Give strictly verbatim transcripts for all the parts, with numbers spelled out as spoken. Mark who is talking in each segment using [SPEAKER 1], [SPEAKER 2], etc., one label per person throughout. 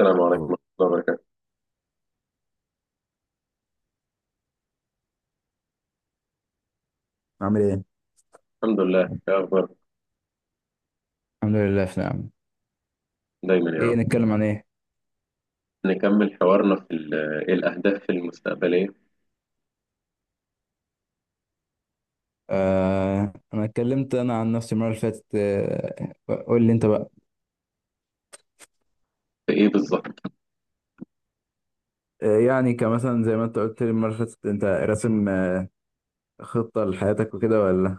[SPEAKER 1] السلام عليكم ورحمة الله وبركاته.
[SPEAKER 2] عامل ايه؟
[SPEAKER 1] الحمد لله. إيه أخبارك؟
[SPEAKER 2] الحمد لله في نعم.
[SPEAKER 1] دايما يا عم.
[SPEAKER 2] ايه نتكلم عن ايه؟
[SPEAKER 1] نكمل حوارنا في ال- إيه الأهداف المستقبلية.
[SPEAKER 2] آه انا اتكلمت انا عن نفسي المره اللي فاتت آه قول لي انت بقى.
[SPEAKER 1] في إيه بالظبط؟
[SPEAKER 2] آه، يعني كمثلا زي ما انت قلت لي المرة اللي فاتت انت راسم آه، خطة لحياتك وكده ولا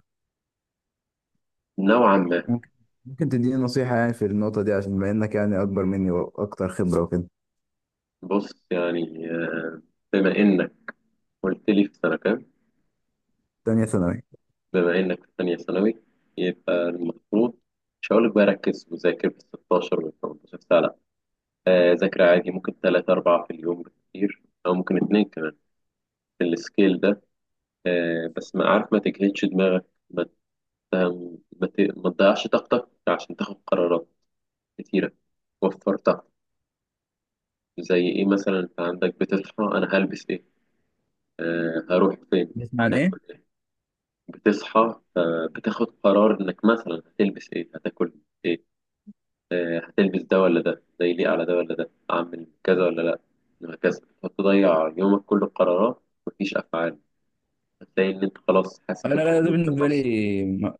[SPEAKER 1] نوعا ما.
[SPEAKER 2] ممكن ممكن تديني نصيحة، يعني في النقطة دي، عشان بما انك يعني اكبر مني واكتر خبرة وكده.
[SPEAKER 1] بص يعني آه، بما إنك قلت لي في سنة كام؟
[SPEAKER 2] تانية ثانوي.
[SPEAKER 1] بما إنك في ثانية ثانوي يبقى المفروض مش هقولك بقى ركز وذاكر بال ستاشر وال تمنتاشر ساعة، لأ. آه، ذاكر عادي، ممكن تلاتة أربعة في اليوم بالكتير، أو ممكن اتنين كمان في السكيل ده. آه، بس ما عارف، ما تجهدش دماغك. ف- ما ت- ما تضيعش طاقتك عشان تاخد قرارات كتيرة. وفر طاقة. زي إيه؟ مثلا أنت عندك بتصحى، أنا هلبس إيه، آه هروح فين،
[SPEAKER 2] بتسمع عن
[SPEAKER 1] هاكل
[SPEAKER 2] ايه؟
[SPEAKER 1] إيه. بتصحى، آه بتاخد قرار إنك مثلا هتلبس إيه، هتاكل إيه، آه هتلبس ده ولا ده، ده يليق على ده ولا ده، أعمل كذا ولا لأ، وهكذا. هتضيع يومك كله قرارات مفيش أفعال. هتلاقي إن أنت خلاص حاسس
[SPEAKER 2] آه لا، لا، ده
[SPEAKER 1] بالخمول في
[SPEAKER 2] بالنسبه
[SPEAKER 1] النص.
[SPEAKER 2] لي ما...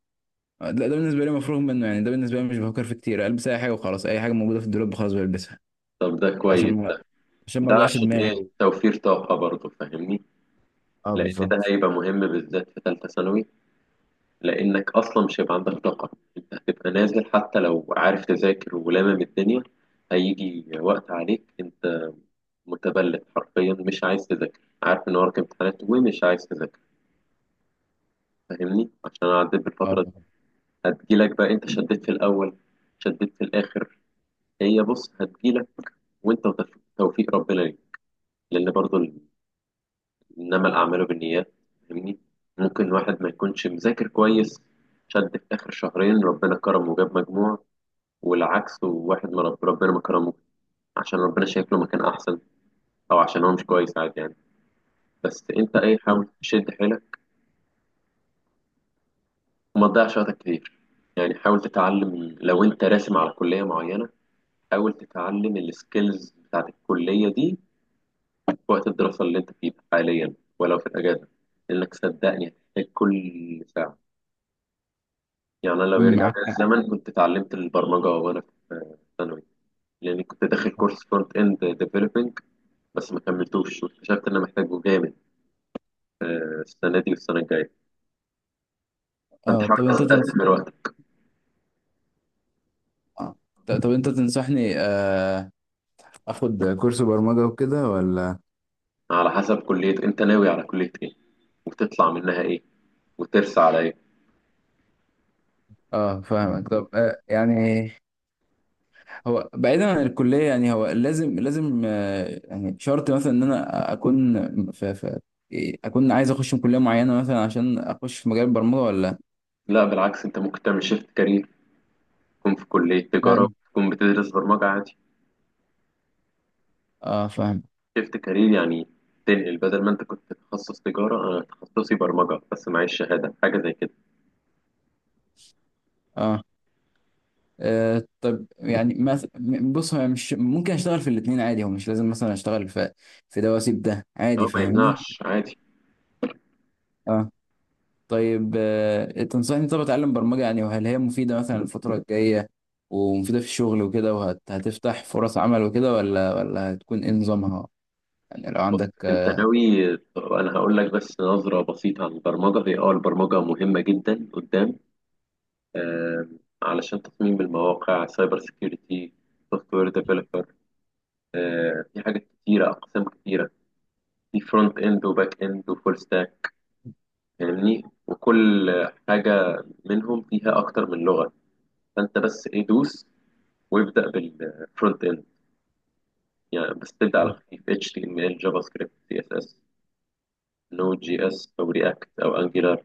[SPEAKER 2] لا، ده بالنسبه لي مفروغ منه، يعني ده بالنسبه لي مش بفكر فيه كتير، البس اي حاجه وخلاص، اي حاجه موجوده في الدولاب خلاص بلبسها،
[SPEAKER 1] طب ده
[SPEAKER 2] عشان
[SPEAKER 1] كويس ده.
[SPEAKER 2] ما عشان ما
[SPEAKER 1] ده
[SPEAKER 2] اوجعش
[SPEAKER 1] عشان إيه؟
[SPEAKER 2] دماغي.
[SPEAKER 1] توفير طاقة برضه، فاهمني؟
[SPEAKER 2] اه،
[SPEAKER 1] لان ده
[SPEAKER 2] بالظبط.
[SPEAKER 1] هيبقى مهم بالذات في ثالثه ثانوي، لانك اصلا مش هيبقى عندك طاقه. انت هتبقى نازل حتى لو عارف تذاكر ولامم الدنيا. هيجي وقت عليك انت متبلد حرفيا، مش عايز تذاكر، عارف ان وراك امتحانات ومش عايز تذاكر. فاهمني؟ عشان اعدي
[SPEAKER 2] اه.
[SPEAKER 1] بالفتره دي. هتجيلك بقى، انت شديت في الاول شديت في الاخر. هي بص هتجيلك، وانت وتف- توفيق ربنا ليك. لان برضو إنما الأعمال بالنيات، فاهمني. ممكن واحد ما يكونش مذاكر كويس، شد في آخر شهرين، ربنا كرمه وجاب مجموع. والعكس، وواحد ما رب- ربنا ما كرمه، عشان ربنا شايف له مكان أحسن، أو عشان هو مش كويس، عادي يعني. بس أنت إيه،
[SPEAKER 2] مم،
[SPEAKER 1] حاول تشد حيلك وما تضيعش وقتك كتير. يعني حاول تتعلم، لو أنت راسم على كلية معينة حاول تتعلم السكيلز بتاعت الكلية دي في وقت الدراسة اللي أنت فيه حاليا، ولو في الأجازة، لأنك صدقني هتحتاج كل ساعة. يعني أنا لو يرجع
[SPEAKER 2] معاك
[SPEAKER 1] بيا
[SPEAKER 2] حق.
[SPEAKER 1] الزمن كنت اتعلمت البرمجة وأنا في ثانوي، لأني كنت داخل كورس فرونت إند ديفلوبينج بس ما كملتوش، واكتشفت إن أنا محتاجه جامد السنة دي والسنة الجاية. فأنت
[SPEAKER 2] اه،
[SPEAKER 1] حاول
[SPEAKER 2] طب انت تنص...
[SPEAKER 1] تستثمر وقتك.
[SPEAKER 2] اه ط- طب انت تنصحني آه اخد كورس برمجة وكده ولا؟
[SPEAKER 1] على حسب كلية، أنت ناوي على كلية إيه، وتطلع منها إيه، وترسى على إيه.
[SPEAKER 2] اه، فاهمك. طب آه يعني هو بعيدا عن الكلية، يعني هو لازم لازم آه يعني شرط مثلا ان انا اكون في, في إيه، اكون عايز اخش من كلية معينة مثلا عشان اخش في مجال البرمجة ولا
[SPEAKER 1] لا بالعكس، أنت ممكن تعمل شيفت كارير، تكون في كلية تجارة
[SPEAKER 2] يعني؟
[SPEAKER 1] وتكون بتدرس برمجة عادي.
[SPEAKER 2] اه، فاهم.
[SPEAKER 1] شيفت كارير يعني تنقل، بدل ما أنت كنت تخصص تجارة، أنا تخصصي برمجة بس معيش شهادة حاجة زي كده.
[SPEAKER 2] اه. آه طب يعني مثلا، بص، هو مش ممكن اشتغل في الاثنين عادي؟ هو مش لازم مثلا اشتغل في في ده واسيب ده عادي،
[SPEAKER 1] اه ما
[SPEAKER 2] فاهمني؟
[SPEAKER 1] يمنعش، عادي.
[SPEAKER 2] اه. طيب آه تنصحني طب اتعلم برمجة يعني؟ وهل هي مفيدة مثلا الفترة الجاية، ومفيدة في الشغل وكده، وهتفتح فرص عمل وكده، ولا ولا هتكون ايه نظامها، يعني لو
[SPEAKER 1] بص
[SPEAKER 2] عندك؟
[SPEAKER 1] انت ناوي، انا هقول لك بس نظرة بسيطة عن البرمجة. هي اه البرمجة مهمة جدا قدام، آم، علشان تصميم المواقع، سايبر سيكيورتي، سوفت وير ديفلوبر. في حاجات كتيرة، اقسام كتيرة. في فرونت اند وباك اند وفول ستاك، فاهمني؟ وكل حاجة منهم فيها اكتر من لغة. فانت بس ايه، دوس وابدأ بالفرونت اند. يعني بس تبدأ على خفيف إتش تي إم إل جافا سكريبت سي إس إس، نود جي اس او رياكت او انجلر.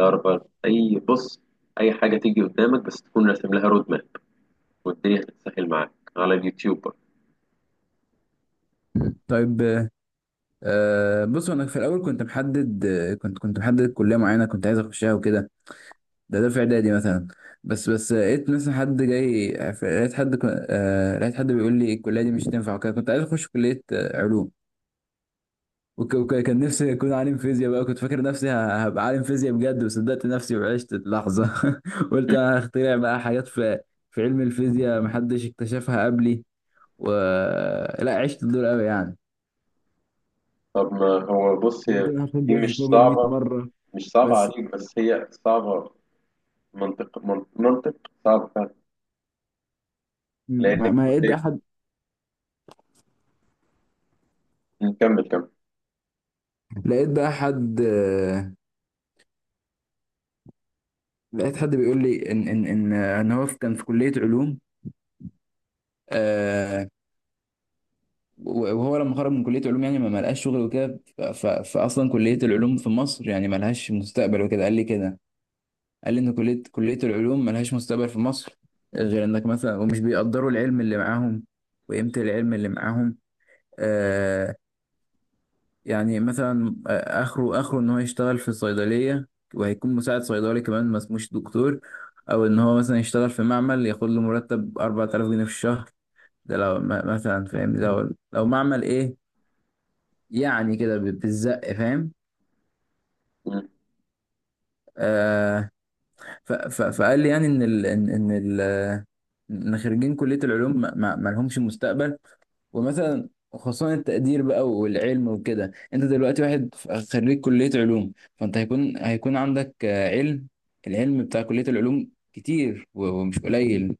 [SPEAKER 1] الأربعة أي، بص أي حاجة تيجي قدامك بس تكون راسم لها رود ماب، والدنيا هتتسهل معاك على اليوتيوب برضه.
[SPEAKER 2] طيب. آه بص، انا في الاول كنت محدد، كنت كنت محدد كليه معينه كنت عايز اخشها وكده، ده ده في اعدادي مثلا. بس بس لقيت مثلا حد جاي، لقيت حد ك- آه، لقيت حد بيقول لي الكليه دي مش تنفع وكده. كنت عايز اخش كليه آه، علوم. وك- وك- كان نفسي اكون عالم فيزياء بقى، كنت فاكر نفسي ه- هبقى عالم فيزياء بجد، وصدقت نفسي وعشت اللحظه قلت
[SPEAKER 1] مم.
[SPEAKER 2] انا هخترع بقى حاجات في في علم الفيزياء محدش اكتشفها قبلي و لا، عشت الدور قوي يعني.
[SPEAKER 1] طب ما هو بص
[SPEAKER 2] قلت
[SPEAKER 1] هي
[SPEAKER 2] انا هاخد
[SPEAKER 1] دي
[SPEAKER 2] جائزه
[SPEAKER 1] مش
[SPEAKER 2] نوبل 100
[SPEAKER 1] صعبة،
[SPEAKER 2] مره.
[SPEAKER 1] مش صعبة
[SPEAKER 2] بس
[SPEAKER 1] عليك، بس هي صعبة. منطق، من- منطق صعب فعلا.
[SPEAKER 2] ما,
[SPEAKER 1] لأنك
[SPEAKER 2] ما لقيت
[SPEAKER 1] كلية،
[SPEAKER 2] بقى حد.
[SPEAKER 1] نكمل كمل.
[SPEAKER 2] لقيت بقى حد لقيت حد بيقول لي ان ان ان ان هو كان في كليه علوم آه وهو لما خرج من كليه علوم يعني ما ما لقاش شغل وكده. ف- ف- فاصلا كليه العلوم في مصر يعني ما لهاش مستقبل وكده، قال لي كده. قال لي ان كليه كليه العلوم ما لهاش مستقبل في مصر، غير انك مثلا، ومش بيقدروا العلم اللي معاهم وقيمه العلم اللي معاهم آه، يعني مثلا آه، اخره اخره ان هو يشتغل في الصيدليه، وهيكون مساعد صيدلي كمان ما اسموش دكتور، او ان هو مثلا يشتغل في معمل ياخد له مرتب اربع تلاف جنيه في الشهر. ده لو م- مثلا فاهم، لو لو معمل ايه يعني، كده ب- بالزق فاهم
[SPEAKER 1] مم.
[SPEAKER 2] آه ف ف فقال لي يعني ان ال ان ان ال- ان خريجين كليه العلوم ما, ما ما لهمش مستقبل، ومثلا خصوصا التقدير بقى والعلم وكده. انت دلوقتي واحد ف- خريج كلية علوم، فانت هيكون هيكون عندك آه، علم. العلم بتاع كلية العلوم كتير و- ومش قليل.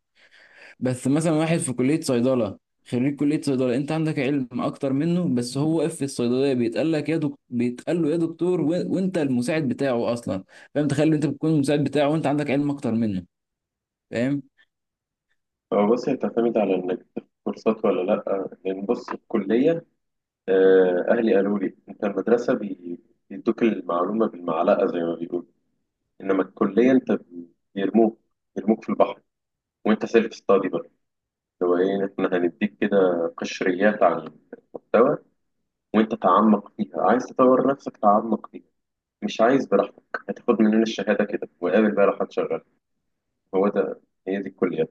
[SPEAKER 2] بس مثلا واحد في كلية صيدلة، خريج كلية صيدلة، انت عندك علم اكتر منه، بس هو واقف في الصيدلية بيتقال لك يا دكتور، بيتقال له يا دكتور و... وانت المساعد بتاعه اصلا. فاهم؟ تخيل، انت بتكون المساعد بتاعه وانت عندك علم اكتر منه، فاهم؟
[SPEAKER 1] هو بص هي بتعتمد على إنك تاخد كورسات ولا لأ. لأن بص الكلية، آه، أهلي قالوا لي أنت المدرسة بي- بيدوك المعلومة بالمعلقة زي ما بيقولوا. إنما الكلية أنت بيرموك، يرموك في البحر، وانت سيلف ستادي بقى. هو ايه، احنا هنديك كده قشريات عن المحتوى، وانت تعمق فيها. عايز تطور نفسك، تعمق فيها. مش عايز، براحتك، هتاخد مننا الشهادة كده وقابل بقى راح تشغل. هو ده، هي دي الكلية.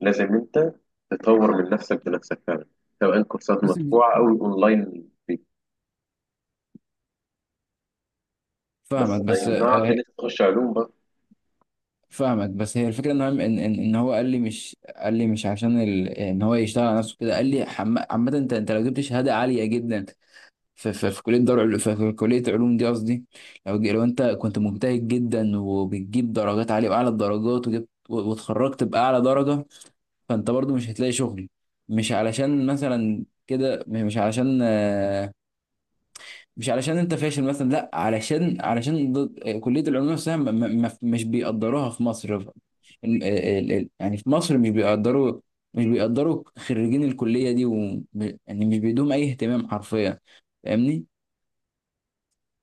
[SPEAKER 1] لازم انت تطور من نفسك بنفسك فعلا، سواء كورسات
[SPEAKER 2] بس،
[SPEAKER 1] مدفوعة او اونلاين فري. بس
[SPEAKER 2] فاهمك.
[SPEAKER 1] ما
[SPEAKER 2] بس
[SPEAKER 1] يمنعش ان
[SPEAKER 2] آه،
[SPEAKER 1] انت تخش علوم بقى.
[SPEAKER 2] فاهمك. بس هي الفكره ان هو ان ان إن هو قال لي، مش قال لي مش عشان ال... ان هو يشتغل على نفسه كده. قال لي حم... عامه، انت انت لو جبت شهاده عاليه جدا في في, في كليه دار عل- في, في كليه علوم دي قصدي، لو ج- لو انت كنت مجتهد جدا وبتجيب درجات عاليه واعلى الدرجات، وجبت و- واتخرجت باعلى درجه، فانت برضو مش هتلاقي شغل. مش علشان مثلا كده مش علشان مش علشان انت فاشل مثلا، لا، علشان علشان ضد- آه، كلية العلوم نفسها م- م- م- مش بيقدروها في مصر. ال- ال- ال- يعني في مصر مش بيقدروا، مش بيقدروا خريجين الكلية دي و يعني مش بيدوهم أي اهتمام حرفيا، فاهمني؟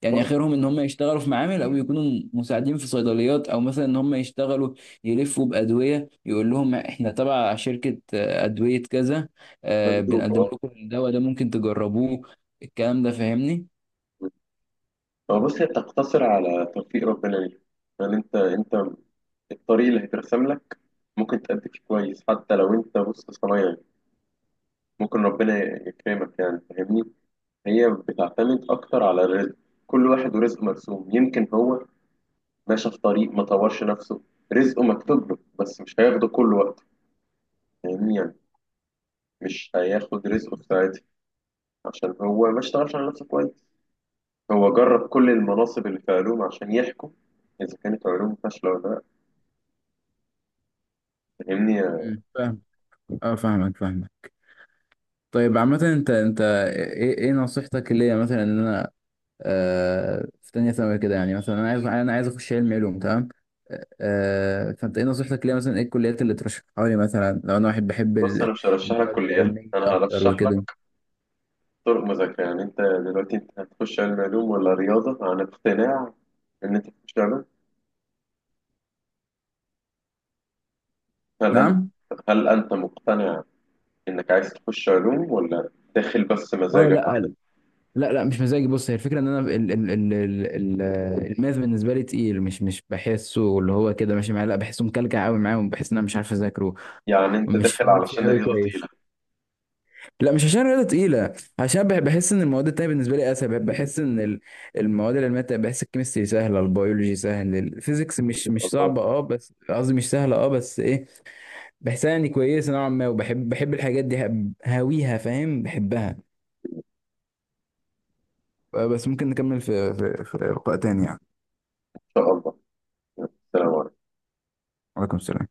[SPEAKER 2] يعني
[SPEAKER 1] بص،
[SPEAKER 2] آخرهم إن هم يشتغلوا في معامل، أو يكونوا مساعدين في صيدليات، أو مثلا إن هم يشتغلوا يلفوا بأدوية يقول لهم إحنا تبع شركة آه، أدوية كذا آه،
[SPEAKER 1] مندوب
[SPEAKER 2] بنقدم
[SPEAKER 1] اه.
[SPEAKER 2] لكم الدواء ده ممكن تجربوه. الكلام ده فاهمني؟
[SPEAKER 1] هو بص هي بتقتصر على توفيق ربنا ليك. يعني انت انت الطريق اللي هيترسم لك ممكن تأدي فيه كويس، حتى لو انت بص صنايعي يعني، ممكن ربنا يكرمك، يعني فاهمني. هي بتعتمد اكتر على الرزق. كل واحد ورزقه مرسوم. يمكن هو ماشي في طريق ما طورش نفسه، رزقه مكتوب له بس مش هياخده كل وقت. فاهمني يعني؟ مش هياخد رزقه في ساعتها عشان هو ما اشتغلش على نفسه كويس. هو جرب كل المناصب اللي في علوم عشان يحكم اذا كانت علوم فاشله ولا لا؟ فاهمني.
[SPEAKER 2] مم. اه، فاهمك، فاهمك. طيب عامة، انت انت ايه ايه نصيحتك ليا مثلا، ان انا آه في تانية ثانوي كده، يعني مثلا انا عايز انا عايز اخش علم علوم، تمام؟ آه آه، فانت ايه نصيحتك ليا مثلا؟ ايه الكليات اللي ترشحها لي مثلا لو انا واحد بحب
[SPEAKER 1] بص
[SPEAKER 2] ال-
[SPEAKER 1] انا مش هرشح لك
[SPEAKER 2] المواد
[SPEAKER 1] كليات،
[SPEAKER 2] العلمية
[SPEAKER 1] انا
[SPEAKER 2] اكتر
[SPEAKER 1] هرشح
[SPEAKER 2] وكده؟
[SPEAKER 1] لك طرق مذاكره. يعني انت دلوقتي انت هتخش علم علوم ولا رياضه عن اقتناع ان انت تخش علوم؟ هل انت،
[SPEAKER 2] نعم.
[SPEAKER 1] هل انت مقتنع انك عايز تخش علوم، ولا داخل بس
[SPEAKER 2] اه،
[SPEAKER 1] مزاجك
[SPEAKER 2] لا،
[SPEAKER 1] كده؟
[SPEAKER 2] لا، لا، مش مزاجي. بص، هي الفكرة ان انا ال ال ال ال ال- الماث بالنسبة لي تقيل، مش مش بحسه اللي هو كده ماشي معايا، لا، بحسه مكلكع قوي معايا، وبحس ان انا مش عارف اذاكره
[SPEAKER 1] يعني انت
[SPEAKER 2] ومش
[SPEAKER 1] داخل
[SPEAKER 2] فاهم فيه
[SPEAKER 1] علشان
[SPEAKER 2] قوي
[SPEAKER 1] رياضه تقيله؟
[SPEAKER 2] كويس. لا، مش عشان رياضة تقيلة، عشان بح- بحس ان المواد التانية بالنسبة لي اسهل. بح- بحس ان ال- المواد العلمية التانية، بحس الكيمستري سهلة، البيولوجي سهل، الفيزيكس مش مش
[SPEAKER 1] الله. ان
[SPEAKER 2] صعبة، اه، بس قصدي مش سهلة، اه، بس ايه، بحسها يعني كويسة نوعا ما، وبحب بحب الحاجات دي، هب- هاويها، فاهم، بحبها. آه، بس ممكن نكمل في في في لقاء تاني يعني.
[SPEAKER 1] شاء الله. السلام عليكم.
[SPEAKER 2] وعليكم السلام.